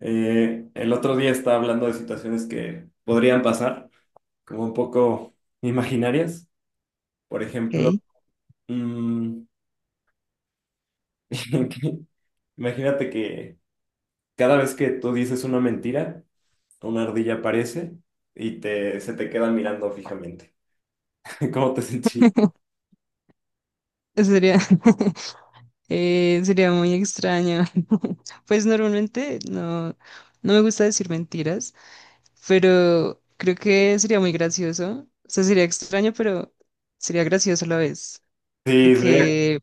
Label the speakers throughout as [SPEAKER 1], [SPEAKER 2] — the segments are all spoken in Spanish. [SPEAKER 1] El otro día estaba hablando de situaciones que podrían pasar, como un poco imaginarias. Por
[SPEAKER 2] Ok.
[SPEAKER 1] ejemplo, mm, imagínate que cada vez que tú dices una mentira, una ardilla aparece y se te queda mirando fijamente. ¿Cómo te sentí?
[SPEAKER 2] Eso sería, sería muy extraño. Pues normalmente no, no me gusta decir mentiras, pero creo que sería muy gracioso. O sea, sería extraño, pero sería gracioso a la vez,
[SPEAKER 1] Sí, sería...
[SPEAKER 2] porque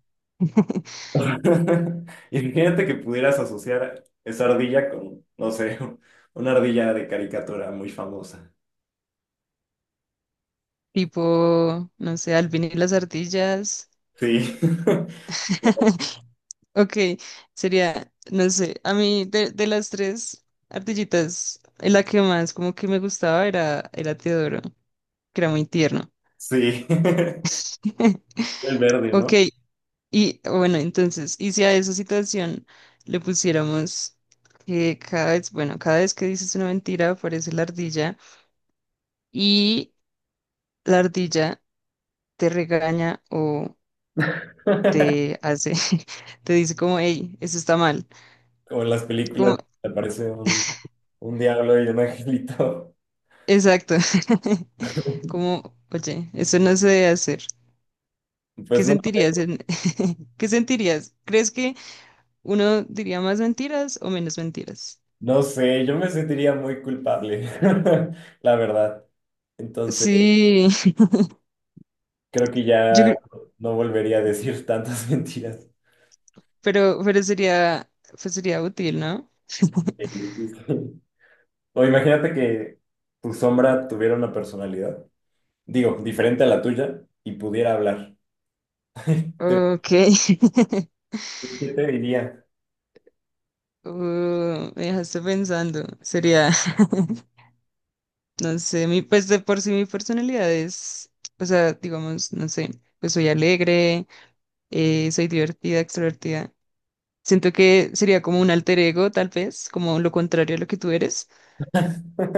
[SPEAKER 1] Imagínate que pudieras asociar esa ardilla con, no sé, una ardilla de caricatura muy famosa.
[SPEAKER 2] tipo, no sé, al vinil las ardillas.
[SPEAKER 1] Sí,
[SPEAKER 2] Ok, sería, no sé, a mí de las tres ardillitas, la que más como que me gustaba era Teodoro, que era muy tierno.
[SPEAKER 1] sí, el verde,
[SPEAKER 2] Ok,
[SPEAKER 1] ¿no?
[SPEAKER 2] y bueno, entonces, y si a esa situación le pusiéramos que cada vez, bueno, cada vez que dices una mentira aparece la ardilla y la ardilla te regaña o te hace, te dice como, hey, eso está mal.
[SPEAKER 1] Como en las películas, aparece un diablo y un angelito.
[SPEAKER 2] Exacto. Como, oye, eso no se debe hacer. ¿Qué
[SPEAKER 1] Pues no,
[SPEAKER 2] sentirías en... ¿Qué sentirías? ¿Crees que uno diría más mentiras o menos mentiras?
[SPEAKER 1] no sé, yo me sentiría muy culpable, la verdad. Entonces,
[SPEAKER 2] Sí,
[SPEAKER 1] creo que
[SPEAKER 2] yo
[SPEAKER 1] ya
[SPEAKER 2] creo-
[SPEAKER 1] no volvería a decir tantas mentiras.
[SPEAKER 2] pero, sería, pues sería útil, ¿no?
[SPEAKER 1] O imagínate que tu sombra tuviera una personalidad, digo, diferente a la tuya y pudiera hablar.
[SPEAKER 2] Ok.
[SPEAKER 1] ¿Qué te diría?
[SPEAKER 2] Me dejaste pensando. Sería, no sé, mi, pues de por sí mi personalidad es, o sea, digamos, no sé, pues soy alegre, soy divertida, extrovertida. Siento que sería como un alter ego, tal vez, como lo contrario a lo que tú eres.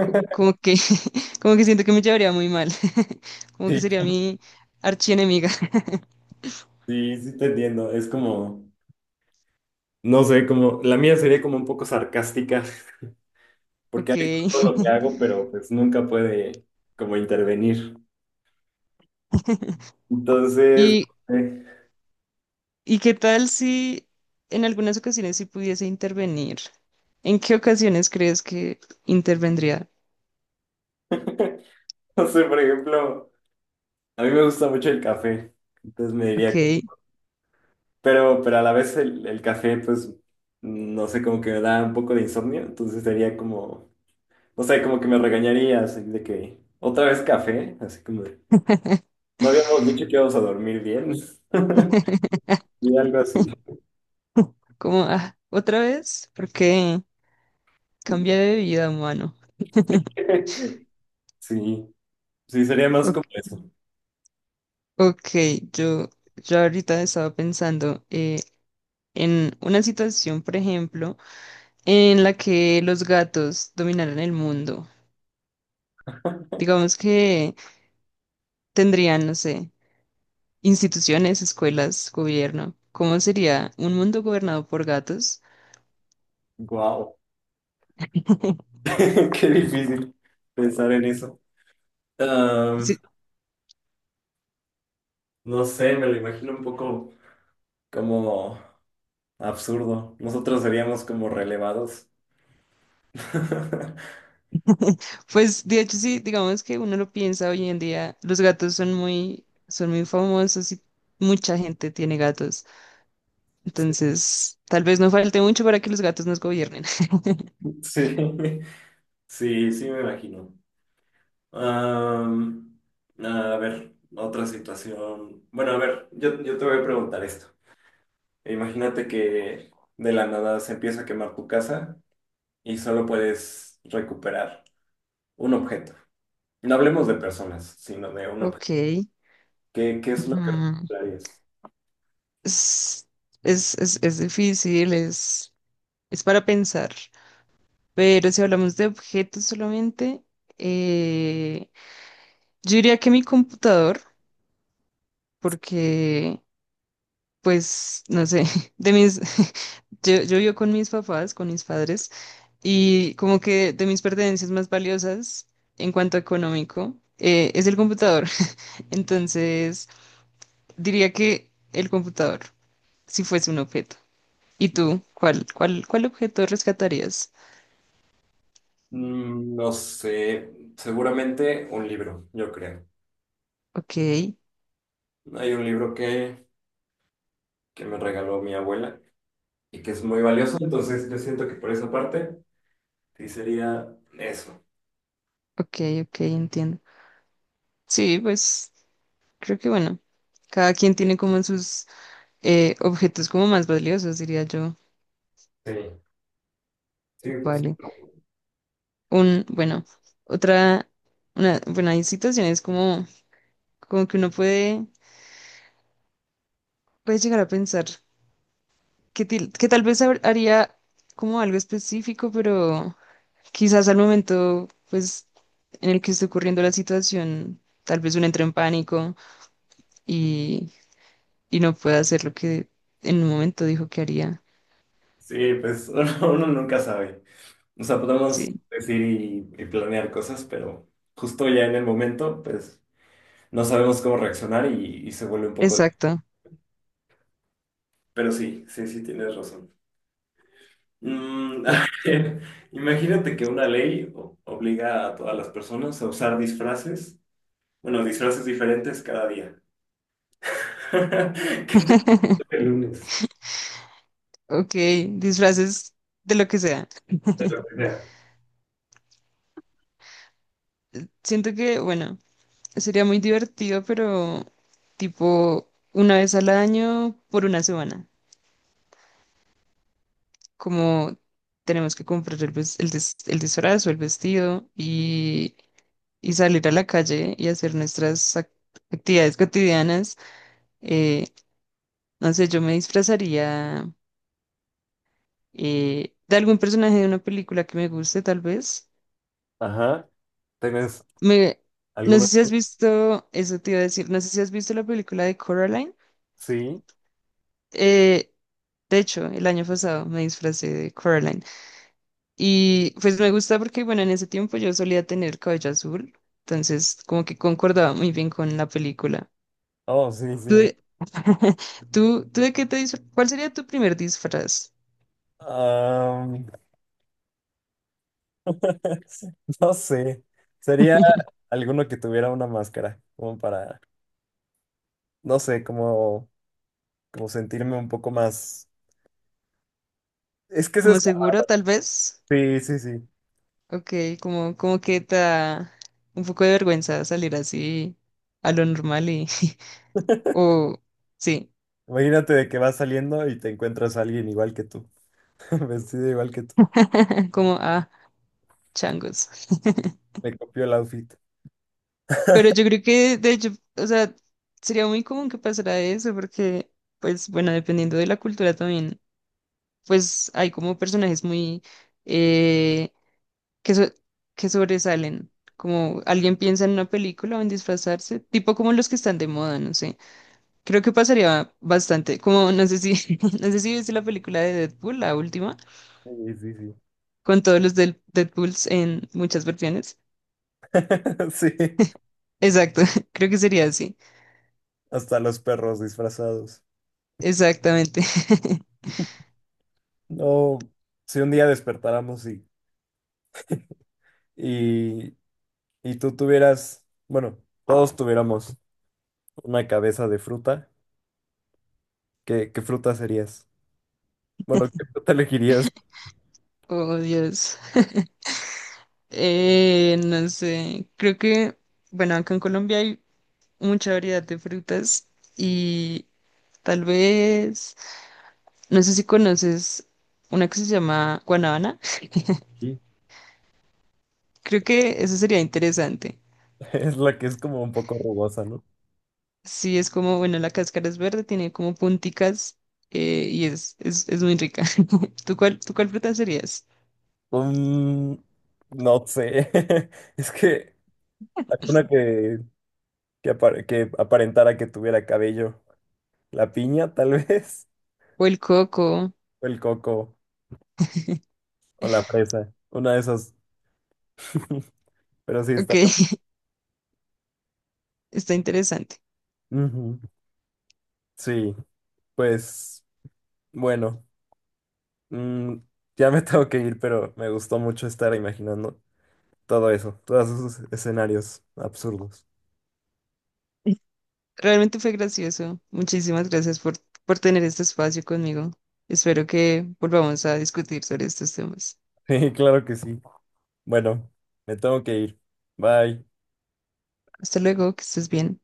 [SPEAKER 2] Como que, como que siento que me llevaría muy mal. Como que
[SPEAKER 1] Sí,
[SPEAKER 2] sería mi archienemiga.
[SPEAKER 1] sí, sí te entiendo. Es como, no sé, como, la mía sería como un poco sarcástica, porque
[SPEAKER 2] Ok.
[SPEAKER 1] ahí está todo lo que hago, pero pues nunca puede como intervenir. Entonces,
[SPEAKER 2] ¿Y,
[SPEAKER 1] eh,
[SPEAKER 2] y qué tal si en algunas ocasiones sí pudiese intervenir? ¿En qué ocasiones crees que intervendría?
[SPEAKER 1] no sé, por ejemplo, a mí me gusta mucho el café, entonces me
[SPEAKER 2] Ok.
[SPEAKER 1] diría, pero a la vez el café, pues, no sé, como que me da un poco de insomnio, entonces sería como, no sé, como que me regañaría, así de que, otra vez café, así como de, no habíamos dicho que íbamos a dormir bien, y algo así.
[SPEAKER 2] Como, ah, ¿otra vez? Porque cambia de vida, humano.
[SPEAKER 1] Sí, sí, sería más
[SPEAKER 2] Ok,
[SPEAKER 1] como eso.
[SPEAKER 2] ok, yo, yo ahorita estaba pensando. En una situación, por ejemplo, en la que los gatos dominaran el mundo. Digamos que tendrían, no sé, instituciones, escuelas, gobierno. ¿Cómo sería un mundo gobernado por gatos?
[SPEAKER 1] Wow. Qué difícil pensar en eso. Am,
[SPEAKER 2] Sí,
[SPEAKER 1] no sé, me lo imagino un poco como absurdo. Nosotros seríamos como relevados.
[SPEAKER 2] pues de hecho sí, digamos que uno lo piensa hoy en día, los gatos son muy famosos y mucha gente tiene gatos. Entonces, tal vez no falte mucho para que los gatos nos gobiernen.
[SPEAKER 1] Sí, sí, sí me imagino. Am, a ver, otra situación. Bueno, a ver, yo te voy a preguntar esto. Imagínate que de la nada se empieza a quemar tu casa y solo puedes recuperar un objeto. No hablemos de personas, sino de un objeto.
[SPEAKER 2] Ok.
[SPEAKER 1] ¿Qué, qué es
[SPEAKER 2] Ujú.
[SPEAKER 1] Planes.
[SPEAKER 2] Es, es difícil, es para pensar. Pero si hablamos de objetos solamente, eh, yo diría que mi computador, porque, pues, no sé, de mis, yo vivo con mis papás, con mis padres, y como que de mis pertenencias más valiosas en cuanto a económico, es el computador. Entonces, diría que el computador, si fuese un objeto. ¿Y tú, cuál objeto rescatarías?
[SPEAKER 1] Mm, no sé, seguramente un libro, yo creo.
[SPEAKER 2] Ok,
[SPEAKER 1] Hay un libro que me regaló mi abuela y que es muy valioso, entonces yo siento que por esa parte sí sería eso.
[SPEAKER 2] ok, ok, entiendo. Sí, pues creo que bueno, cada quien tiene como sus objetos como más valiosos, diría yo.
[SPEAKER 1] Sí, sí, pues,
[SPEAKER 2] Vale. Un, bueno, otra, una, Bueno, hay situaciones como, como que uno puede, puede llegar a pensar que tal vez haría como algo específico, pero quizás al momento, pues, en el que esté ocurriendo la situación, tal vez uno entre en pánico y, y no pueda hacer lo que en un momento dijo que haría.
[SPEAKER 1] sí, pues uno nunca sabe. O sea, podemos
[SPEAKER 2] Sí,
[SPEAKER 1] decir y planear cosas, pero justo ya en el momento, pues no sabemos cómo reaccionar y se vuelve un poco...
[SPEAKER 2] exacto.
[SPEAKER 1] Pero sí, sí, sí, tienes razón. Mm,
[SPEAKER 2] Bu-
[SPEAKER 1] a ver, imagínate que una ley obliga a todas las personas a usar disfraces, bueno, disfraces diferentes cada día. ¿Qué te toca el lunes?
[SPEAKER 2] ok, disfraces de lo que sea.
[SPEAKER 1] De lo que sea.
[SPEAKER 2] Siento que, bueno, sería muy divertido, pero tipo una vez al año por una semana. Como tenemos que comprar el disfraz o el vestido y salir a la calle y hacer nuestras actividades cotidianas. eh, no sé, yo me disfrazaría de algún personaje de una película que me guste, tal vez.
[SPEAKER 1] Ajá. ¿Tienes
[SPEAKER 2] Me, no sé
[SPEAKER 1] alguno?
[SPEAKER 2] si has visto, eso te iba a decir, no sé si has visto la película de Coraline.
[SPEAKER 1] Sí.
[SPEAKER 2] Eh, de hecho, el año pasado me disfracé de Coraline. Y pues me gusta porque, bueno, en ese tiempo yo solía tener cabello azul, entonces como que concordaba muy bien con la película.
[SPEAKER 1] Oh, sí, sí.
[SPEAKER 2] ¿Tú,
[SPEAKER 1] Me-
[SPEAKER 2] ¿Tú, de qué cuál sería tu primer disfraz?
[SPEAKER 1] Am, no sé. Sería alguno que tuviera una máscara, como para, no sé, como, como sentirme un poco más. Es que eso es.
[SPEAKER 2] ¿Como
[SPEAKER 1] Esto.
[SPEAKER 2] seguro, tal vez?
[SPEAKER 1] Sí, sí, sí.
[SPEAKER 2] Ok, como, como que te da un poco de vergüenza salir así a lo normal y... O sí,
[SPEAKER 1] Imagínate de que vas saliendo y te encuentras a alguien igual que tú, vestido igual que tú.
[SPEAKER 2] como ah, changos.
[SPEAKER 1] Me copió el outfit.
[SPEAKER 2] Pero yo creo que, de hecho, o sea, sería muy común que pasara eso porque, pues, bueno, dependiendo de la cultura también, pues hay como personajes muy... eh, que, so- que sobresalen. Como alguien piensa en una película o en disfrazarse, tipo como los que están de moda, no sé. Creo que pasaría bastante, como no sé si, no sé si viste la película de Deadpool, la última,
[SPEAKER 1] Sí, sí, sí.
[SPEAKER 2] con todos los del Deadpools en muchas versiones.
[SPEAKER 1] Sí,
[SPEAKER 2] Exacto, creo que sería así.
[SPEAKER 1] hasta los perros disfrazados.
[SPEAKER 2] Exactamente.
[SPEAKER 1] No, si un día despertáramos y, y tú tuvieras, bueno, todos tuviéramos una cabeza de fruta, ¿qué, qué fruta serías? Bueno, ¿qué fruta elegirías?
[SPEAKER 2] Oh, Dios. No sé, creo que, bueno, acá en Colombia hay mucha variedad de frutas y tal vez... No sé si conoces una que se llama guanábana.
[SPEAKER 1] Sí,
[SPEAKER 2] Creo que eso sería interesante.
[SPEAKER 1] es la que es como un poco rugosa, ¿no?
[SPEAKER 2] Sí, es como, bueno, la cáscara es verde, tiene como punticas y es, muy rica. Tú cuál fruta serías?
[SPEAKER 1] Mm, no sé. Es que alguna que, que aparentara que tuviera cabello. La piña, tal vez,
[SPEAKER 2] O el coco.
[SPEAKER 1] o el coco, o la fresa, una de esas. Pero sí,
[SPEAKER 2] Ok,
[SPEAKER 1] está.
[SPEAKER 2] está interesante.
[SPEAKER 1] Ujú. Sí, pues bueno, mm, ya me tengo que ir, pero me gustó mucho estar imaginando todo eso, todos esos escenarios absurdos.
[SPEAKER 2] Realmente fue gracioso. Muchísimas gracias por tener este espacio conmigo. Espero que volvamos a discutir sobre estos temas.
[SPEAKER 1] Sí, claro que sí. Bueno, me tengo que ir. Bye.
[SPEAKER 2] Hasta luego, que estés bien.